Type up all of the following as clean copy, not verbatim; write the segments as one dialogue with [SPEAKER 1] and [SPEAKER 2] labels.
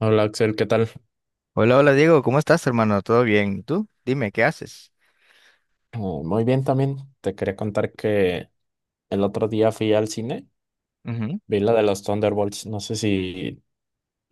[SPEAKER 1] Hola Axel, ¿qué tal?
[SPEAKER 2] Hola, hola Diego, ¿cómo estás, hermano? ¿Todo bien? ¿Y tú? Dime, ¿qué haces?
[SPEAKER 1] Muy bien también. Te quería contar que el otro día fui al cine,
[SPEAKER 2] Ujú.
[SPEAKER 1] vi la de los Thunderbolts, no sé si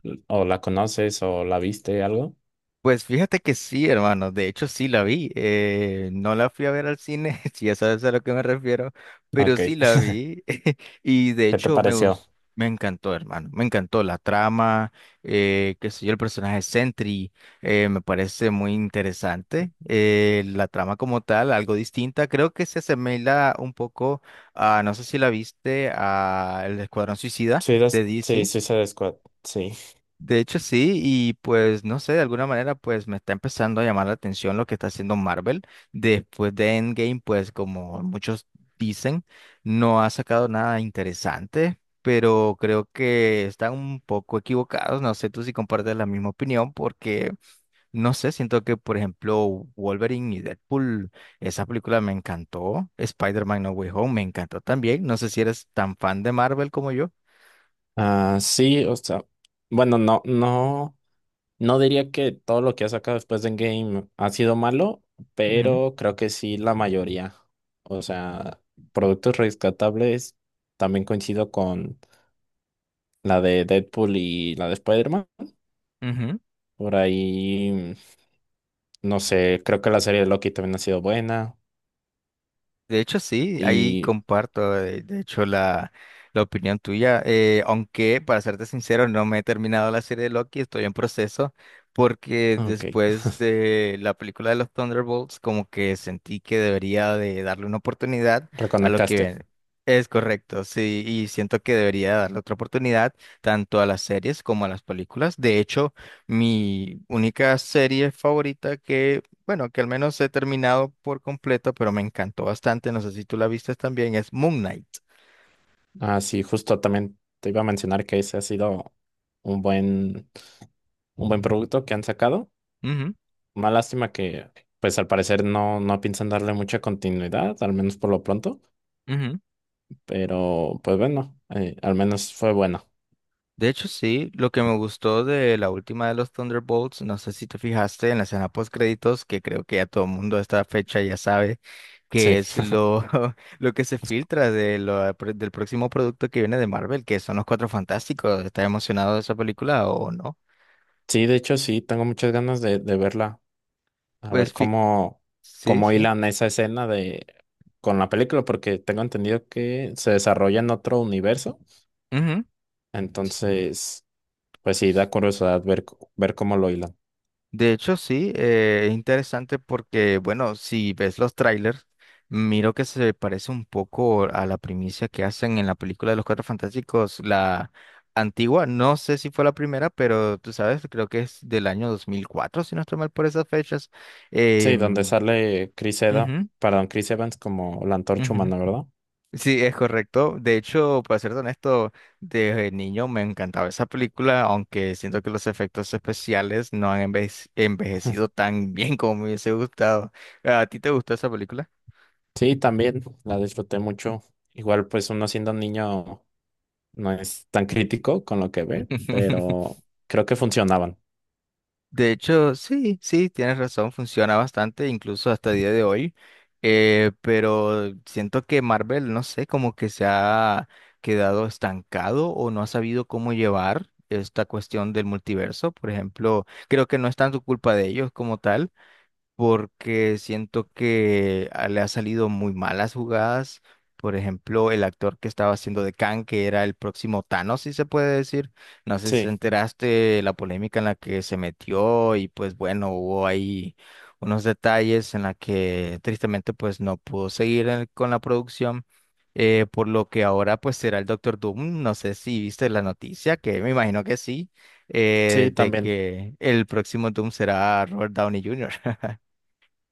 [SPEAKER 1] o la conoces o la viste algo.
[SPEAKER 2] Pues fíjate que sí, hermano, de hecho sí la vi, no la fui a ver al cine, si ya sabes a lo que me refiero, pero
[SPEAKER 1] Ok,
[SPEAKER 2] sí la vi y de
[SPEAKER 1] ¿qué te
[SPEAKER 2] hecho
[SPEAKER 1] pareció?
[SPEAKER 2] me encantó, hermano, me encantó la trama, qué sé yo, el personaje Sentry, me parece muy interesante, la trama como tal, algo distinta, creo que se asemeja un poco a, no sé si la viste, a El Escuadrón Suicida
[SPEAKER 1] Sí,
[SPEAKER 2] de
[SPEAKER 1] sí, sí,
[SPEAKER 2] DC.
[SPEAKER 1] Suicide Squad, sí.
[SPEAKER 2] De hecho, sí, y pues no sé, de alguna manera pues me está empezando a llamar la atención lo que está haciendo Marvel. Después de Endgame, pues como muchos dicen, no ha sacado nada interesante, pero creo que están un poco equivocados. No sé tú si compartes la misma opinión, porque no sé, siento que por ejemplo Wolverine y Deadpool, esa película me encantó. Spider-Man No Way Home me encantó también. No sé si eres tan fan de Marvel como yo.
[SPEAKER 1] Ah, sí, o sea, bueno, no, no, no diría que todo lo que ha sacado después de Endgame ha sido malo,
[SPEAKER 2] Ujú,
[SPEAKER 1] pero creo que sí la mayoría. O sea, productos rescatables, también coincido con la de Deadpool y la de Spider-Man.
[SPEAKER 2] ujú.
[SPEAKER 1] Por ahí, no sé, creo que la serie de Loki también ha sido buena.
[SPEAKER 2] De hecho, sí, ahí
[SPEAKER 1] Y,
[SPEAKER 2] comparto, de hecho, la opinión tuya, aunque para serte sincero, no me he terminado la serie de Loki, estoy en proceso, porque
[SPEAKER 1] ok,
[SPEAKER 2] después de la película de los Thunderbolts, como que sentí que debería de darle una oportunidad a lo que
[SPEAKER 1] reconectaste.
[SPEAKER 2] viene. Es correcto, sí, y siento que debería darle otra oportunidad tanto a las series como a las películas. De hecho, mi única serie favorita que bueno, que al menos he terminado por completo, pero me encantó bastante. No sé si tú la viste también, es Moon Knight.
[SPEAKER 1] Ah, sí, justo también te iba a mencionar que ese ha sido un buen, un buen producto que han sacado.
[SPEAKER 2] Ujú,
[SPEAKER 1] Una lástima que, pues al parecer no, no piensan darle mucha continuidad, al menos por lo pronto.
[SPEAKER 2] ujú.
[SPEAKER 1] Pero, pues bueno, al menos fue bueno.
[SPEAKER 2] De hecho, sí, lo que me gustó de la última de los Thunderbolts, no sé si te fijaste en la escena post créditos, que creo que ya todo el mundo a esta fecha ya sabe
[SPEAKER 1] Sí,
[SPEAKER 2] que es lo que se filtra de lo, del próximo producto que viene de Marvel, que son los Cuatro Fantásticos. ¿Estás emocionado de esa película o no?
[SPEAKER 1] sí, de hecho sí, tengo muchas ganas de verla. A ver
[SPEAKER 2] Pues fi-
[SPEAKER 1] cómo,
[SPEAKER 2] sí,
[SPEAKER 1] cómo
[SPEAKER 2] sí.
[SPEAKER 1] hilan esa escena de con la película, porque tengo entendido que se desarrolla en otro universo. Entonces, pues sí, da curiosidad ver, ver cómo lo hilan.
[SPEAKER 2] De hecho, sí, es interesante porque, bueno, si ves los trailers, miro que se parece un poco a la primicia que hacen en la película de los Cuatro Fantásticos, la antigua, no sé si fue la primera, pero tú sabes, creo que es del año 2004 si no estoy mal por esas fechas. Eh,
[SPEAKER 1] Sí, donde sale Chris Eda,
[SPEAKER 2] ujú,
[SPEAKER 1] perdón, Chris Evans como la antorcha
[SPEAKER 2] ujú.
[SPEAKER 1] humana, ¿verdad?
[SPEAKER 2] Sí, es correcto. De hecho, para ser honesto, desde niño me encantaba esa película, aunque siento que los efectos especiales no han enveje- envejecido tan bien como me hubiese gustado. ¿A ti te gustó esa película?
[SPEAKER 1] Sí, también la disfruté mucho. Igual, pues uno siendo un niño no es tan crítico con lo que ve, pero creo que funcionaban.
[SPEAKER 2] De hecho, sí, sí, tienes razón, funciona bastante, incluso hasta el día de hoy. Pero siento que Marvel, no sé, como que se ha quedado estancado o no ha sabido cómo llevar esta cuestión del multiverso. Por ejemplo, creo que no es tanto culpa de ellos como tal, porque siento que le ha salido muy malas jugadas. Por ejemplo, el actor que estaba haciendo de Kang, que era el próximo Thanos, si se puede decir. No sé si te
[SPEAKER 1] Sí,
[SPEAKER 2] enteraste de la polémica en la que se metió y pues bueno, hubo ahí unos detalles en la que tristemente pues no pudo seguir con la producción. Por lo que ahora pues será el Doctor Doom. No sé si viste la noticia, que me imagino que sí,
[SPEAKER 1] sí,
[SPEAKER 2] de
[SPEAKER 1] también.
[SPEAKER 2] que el próximo Doom será Robert Downey Jr.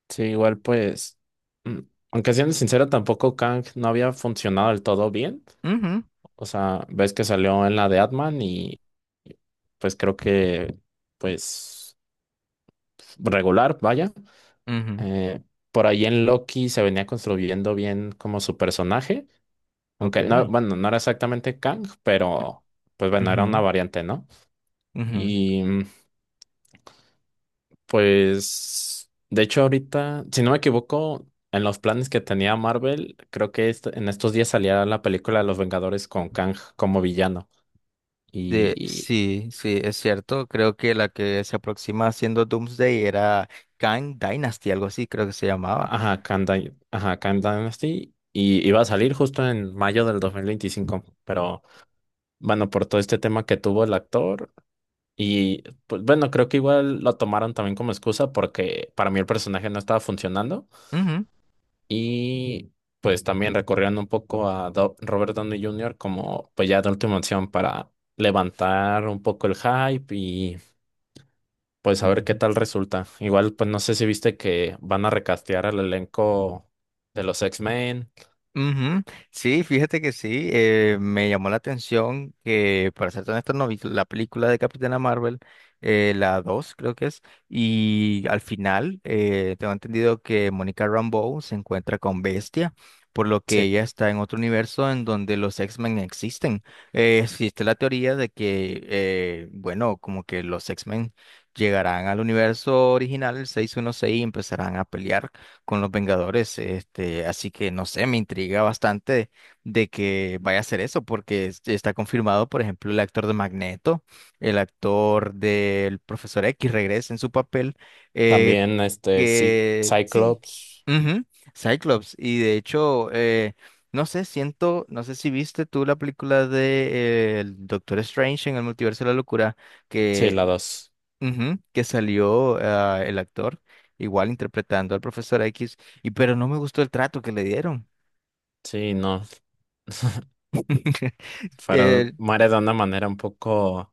[SPEAKER 1] Sí, igual pues, mm, aunque siendo sincero, tampoco Kang no había funcionado del todo bien.
[SPEAKER 2] Ujú,
[SPEAKER 1] O sea, ves que salió en la de Atman y pues creo que pues regular, vaya.
[SPEAKER 2] ujú,
[SPEAKER 1] Eh, por ahí en Loki se venía construyendo bien como su personaje, aunque no,
[SPEAKER 2] ok.
[SPEAKER 1] bueno, no era exactamente Kang, pero pues bueno, era una
[SPEAKER 2] Ujú,
[SPEAKER 1] variante, ¿no?
[SPEAKER 2] ujú.
[SPEAKER 1] Y pues, de hecho, ahorita, si no me equivoco, en los planes que tenía Marvel, creo que en estos días salía la película de Los Vengadores con Kang como villano. Y,
[SPEAKER 2] Sí, sí, es cierto. Creo que la que se aproxima haciendo Doomsday era Kang Dynasty, algo así, creo que se llamaba.
[SPEAKER 1] ajá, Kang, ajá, Kang Dynasty. Y iba a salir justo en mayo del 2025. Pero, bueno, por todo este tema que tuvo el actor. Y, pues, bueno, creo que igual lo tomaron también como excusa porque para mí el personaje no estaba funcionando.
[SPEAKER 2] Ujú.
[SPEAKER 1] Y pues también recorrieron un poco a Robert Downey Jr. como pues ya de última opción para levantar un poco el hype y pues a ver qué
[SPEAKER 2] Ujú.
[SPEAKER 1] tal resulta. Igual pues no sé si viste que van a recastear al elenco de los X-Men.
[SPEAKER 2] Ujú. Sí, fíjate que sí, me llamó la atención que, para ser honesto, no vi la película de Capitana Marvel, la 2 creo que es, y al final tengo entendido que Monica Rambeau se encuentra con Bestia, por lo que
[SPEAKER 1] Sí,
[SPEAKER 2] ella está en otro universo en donde los X-Men existen. Existe la teoría de que, bueno, como que los X-Men llegarán al universo original, el 616, y empezarán a pelear con los Vengadores, este, así que no sé, me intriga bastante de que vaya a hacer eso, porque está confirmado, por ejemplo, el actor de Magneto, el actor del Profesor X regresa en su papel, eh,
[SPEAKER 1] también este sí,
[SPEAKER 2] que sí,
[SPEAKER 1] Cyclops.
[SPEAKER 2] ujú, Cyclops, y de hecho, no sé, siento, no sé si viste tú la película de el Doctor Strange en el Multiverso de la Locura,
[SPEAKER 1] Sí,
[SPEAKER 2] que
[SPEAKER 1] la dos.
[SPEAKER 2] Ujú, que salió el actor, igual interpretando al profesor X, y pero no me gustó el trato que le dieron.
[SPEAKER 1] Sí, no.
[SPEAKER 2] Eh,
[SPEAKER 1] Fueron, muere de una manera un poco,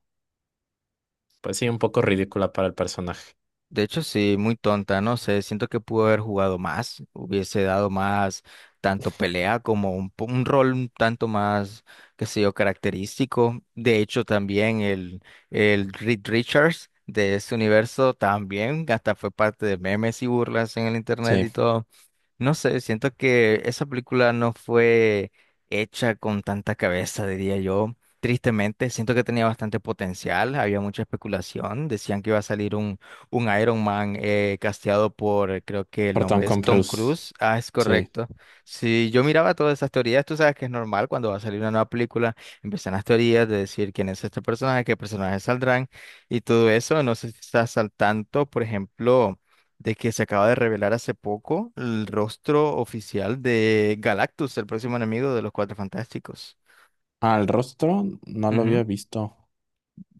[SPEAKER 1] pues sí, un poco ridícula para el personaje.
[SPEAKER 2] de hecho, sí, muy tonta, no sé, siento que pudo haber jugado más, hubiese dado más tanto pelea como un, un rol un tanto más, qué sé yo, característico. De hecho, también el Reed Richards de ese universo también, hasta fue parte de memes y burlas en el internet
[SPEAKER 1] Sí,
[SPEAKER 2] y todo. No sé, siento que esa película no fue hecha con tanta cabeza, diría yo. Tristemente, siento que tenía bastante potencial, había mucha especulación, decían que iba a salir un Iron Man casteado por, creo que el
[SPEAKER 1] por Tom
[SPEAKER 2] nombre es Tom
[SPEAKER 1] Cruise.
[SPEAKER 2] Cruise, ah, es
[SPEAKER 1] Sí.
[SPEAKER 2] correcto. Si yo miraba todas esas teorías, tú sabes que es normal cuando va a salir una nueva película, empiezan las teorías de decir quién es este personaje, qué personajes saldrán y todo eso, no sé si estás al tanto, por ejemplo de que se acaba de revelar hace poco el rostro oficial de Galactus, el próximo enemigo de los Cuatro Fantásticos.
[SPEAKER 1] Al rostro no lo
[SPEAKER 2] Ujú.
[SPEAKER 1] había visto.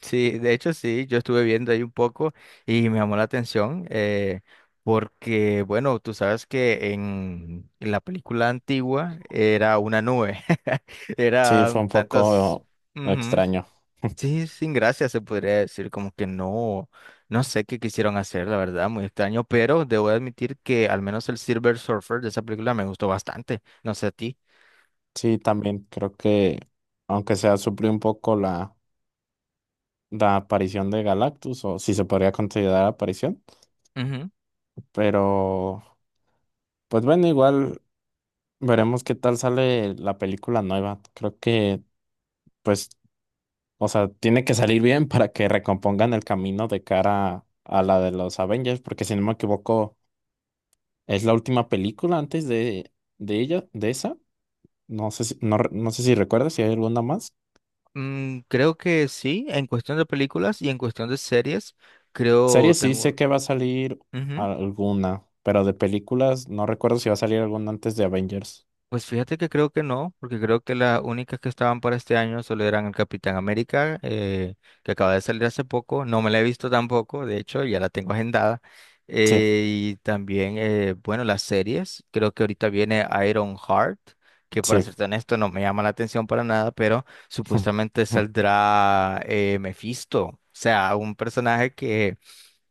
[SPEAKER 2] Sí, de hecho sí, yo estuve viendo ahí un poco y me llamó la atención porque, bueno, tú sabes que en la película antigua era una nube,
[SPEAKER 1] Sí,
[SPEAKER 2] era
[SPEAKER 1] fue
[SPEAKER 2] un
[SPEAKER 1] un
[SPEAKER 2] tantos...
[SPEAKER 1] poco extraño.
[SPEAKER 2] Sí, sin gracia se podría decir, como que no, no sé qué quisieron hacer, la verdad, muy extraño, pero debo admitir que al menos el Silver Surfer de esa película me gustó bastante, no sé a ti.
[SPEAKER 1] Sí, también creo que, aunque sea, suplió un poco la aparición de Galactus, o si se podría considerar aparición.
[SPEAKER 2] Ujú.
[SPEAKER 1] Pero, pues bueno, igual veremos qué tal sale la película nueva. Creo que, pues, o sea, tiene que salir bien para que recompongan el camino de cara a la de los Avengers, porque si no me equivoco, es la última película antes de ella, de esa. No sé si, no, no sé si recuerdas si hay alguna más.
[SPEAKER 2] Mm, creo que sí, en cuestión de películas y en cuestión de series, creo
[SPEAKER 1] Series sí sé
[SPEAKER 2] tengo...
[SPEAKER 1] que va a salir
[SPEAKER 2] ujú.
[SPEAKER 1] alguna, pero de películas no recuerdo si va a salir alguna antes de Avengers.
[SPEAKER 2] Pues fíjate que creo que no, porque creo que las únicas que estaban para este año solo eran el Capitán América, que acaba de salir hace poco. No me la he visto tampoco, de hecho, ya la tengo agendada.
[SPEAKER 1] Sí,
[SPEAKER 2] Y también, bueno, las series. Creo que ahorita viene Iron Heart, que para
[SPEAKER 1] sí.
[SPEAKER 2] serte honesto no me llama la atención para nada, pero supuestamente saldrá Mephisto, o sea, un personaje que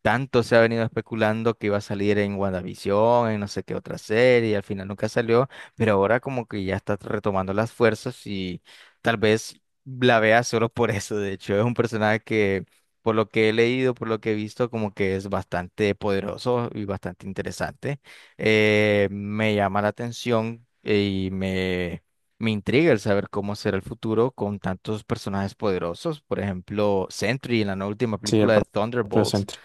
[SPEAKER 2] tanto se ha venido especulando que iba a salir en WandaVision, en no sé qué otra serie, y al final nunca salió, pero ahora como que ya está retomando las fuerzas y tal vez la vea solo por eso. De hecho, es un personaje que, por lo que he leído, por lo que he visto, como que es bastante poderoso y bastante interesante. Me llama la atención y me intriga el saber cómo será el futuro con tantos personajes poderosos. Por ejemplo, Sentry en la nueva última
[SPEAKER 1] Sí, el
[SPEAKER 2] película de
[SPEAKER 1] propio
[SPEAKER 2] Thunderbolts
[SPEAKER 1] Sentry.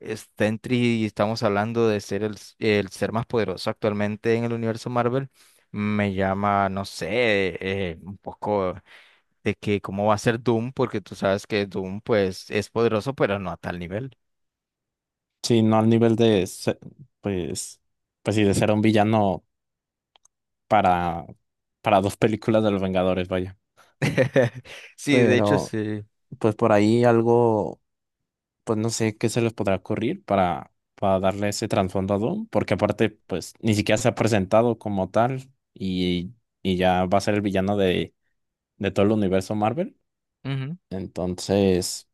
[SPEAKER 2] está en y estamos hablando de ser el ser más poderoso actualmente en el universo Marvel. Me llama, no sé, un poco de que cómo va a ser Doom, porque tú sabes que Doom pues es poderoso, pero no a tal nivel.
[SPEAKER 1] Sí, no al nivel de, pues, pues sí, de ser un villano para, para dos películas de los Vengadores, vaya.
[SPEAKER 2] Sí, de hecho
[SPEAKER 1] Pero,
[SPEAKER 2] sí.
[SPEAKER 1] pues por ahí algo. Pues no sé qué se les podrá ocurrir para darle ese trasfondo a Doom, porque aparte, pues ni siquiera se ha presentado como tal y ya va a ser el villano de todo el universo Marvel.
[SPEAKER 2] Ujú,
[SPEAKER 1] Entonces,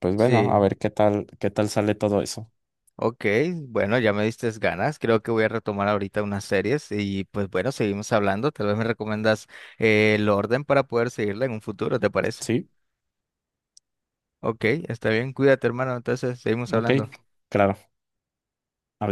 [SPEAKER 1] pues bueno, a
[SPEAKER 2] sí,
[SPEAKER 1] ver qué tal sale todo eso.
[SPEAKER 2] ok, bueno, ya me diste ganas. Creo que voy a retomar ahorita unas series y pues bueno, seguimos hablando. Tal vez me recomiendas el orden para poder seguirla en un futuro, ¿te parece?
[SPEAKER 1] Sí,
[SPEAKER 2] Ok, está bien, cuídate, hermano. Entonces, seguimos
[SPEAKER 1] ok,
[SPEAKER 2] hablando.
[SPEAKER 1] claro. Adiós.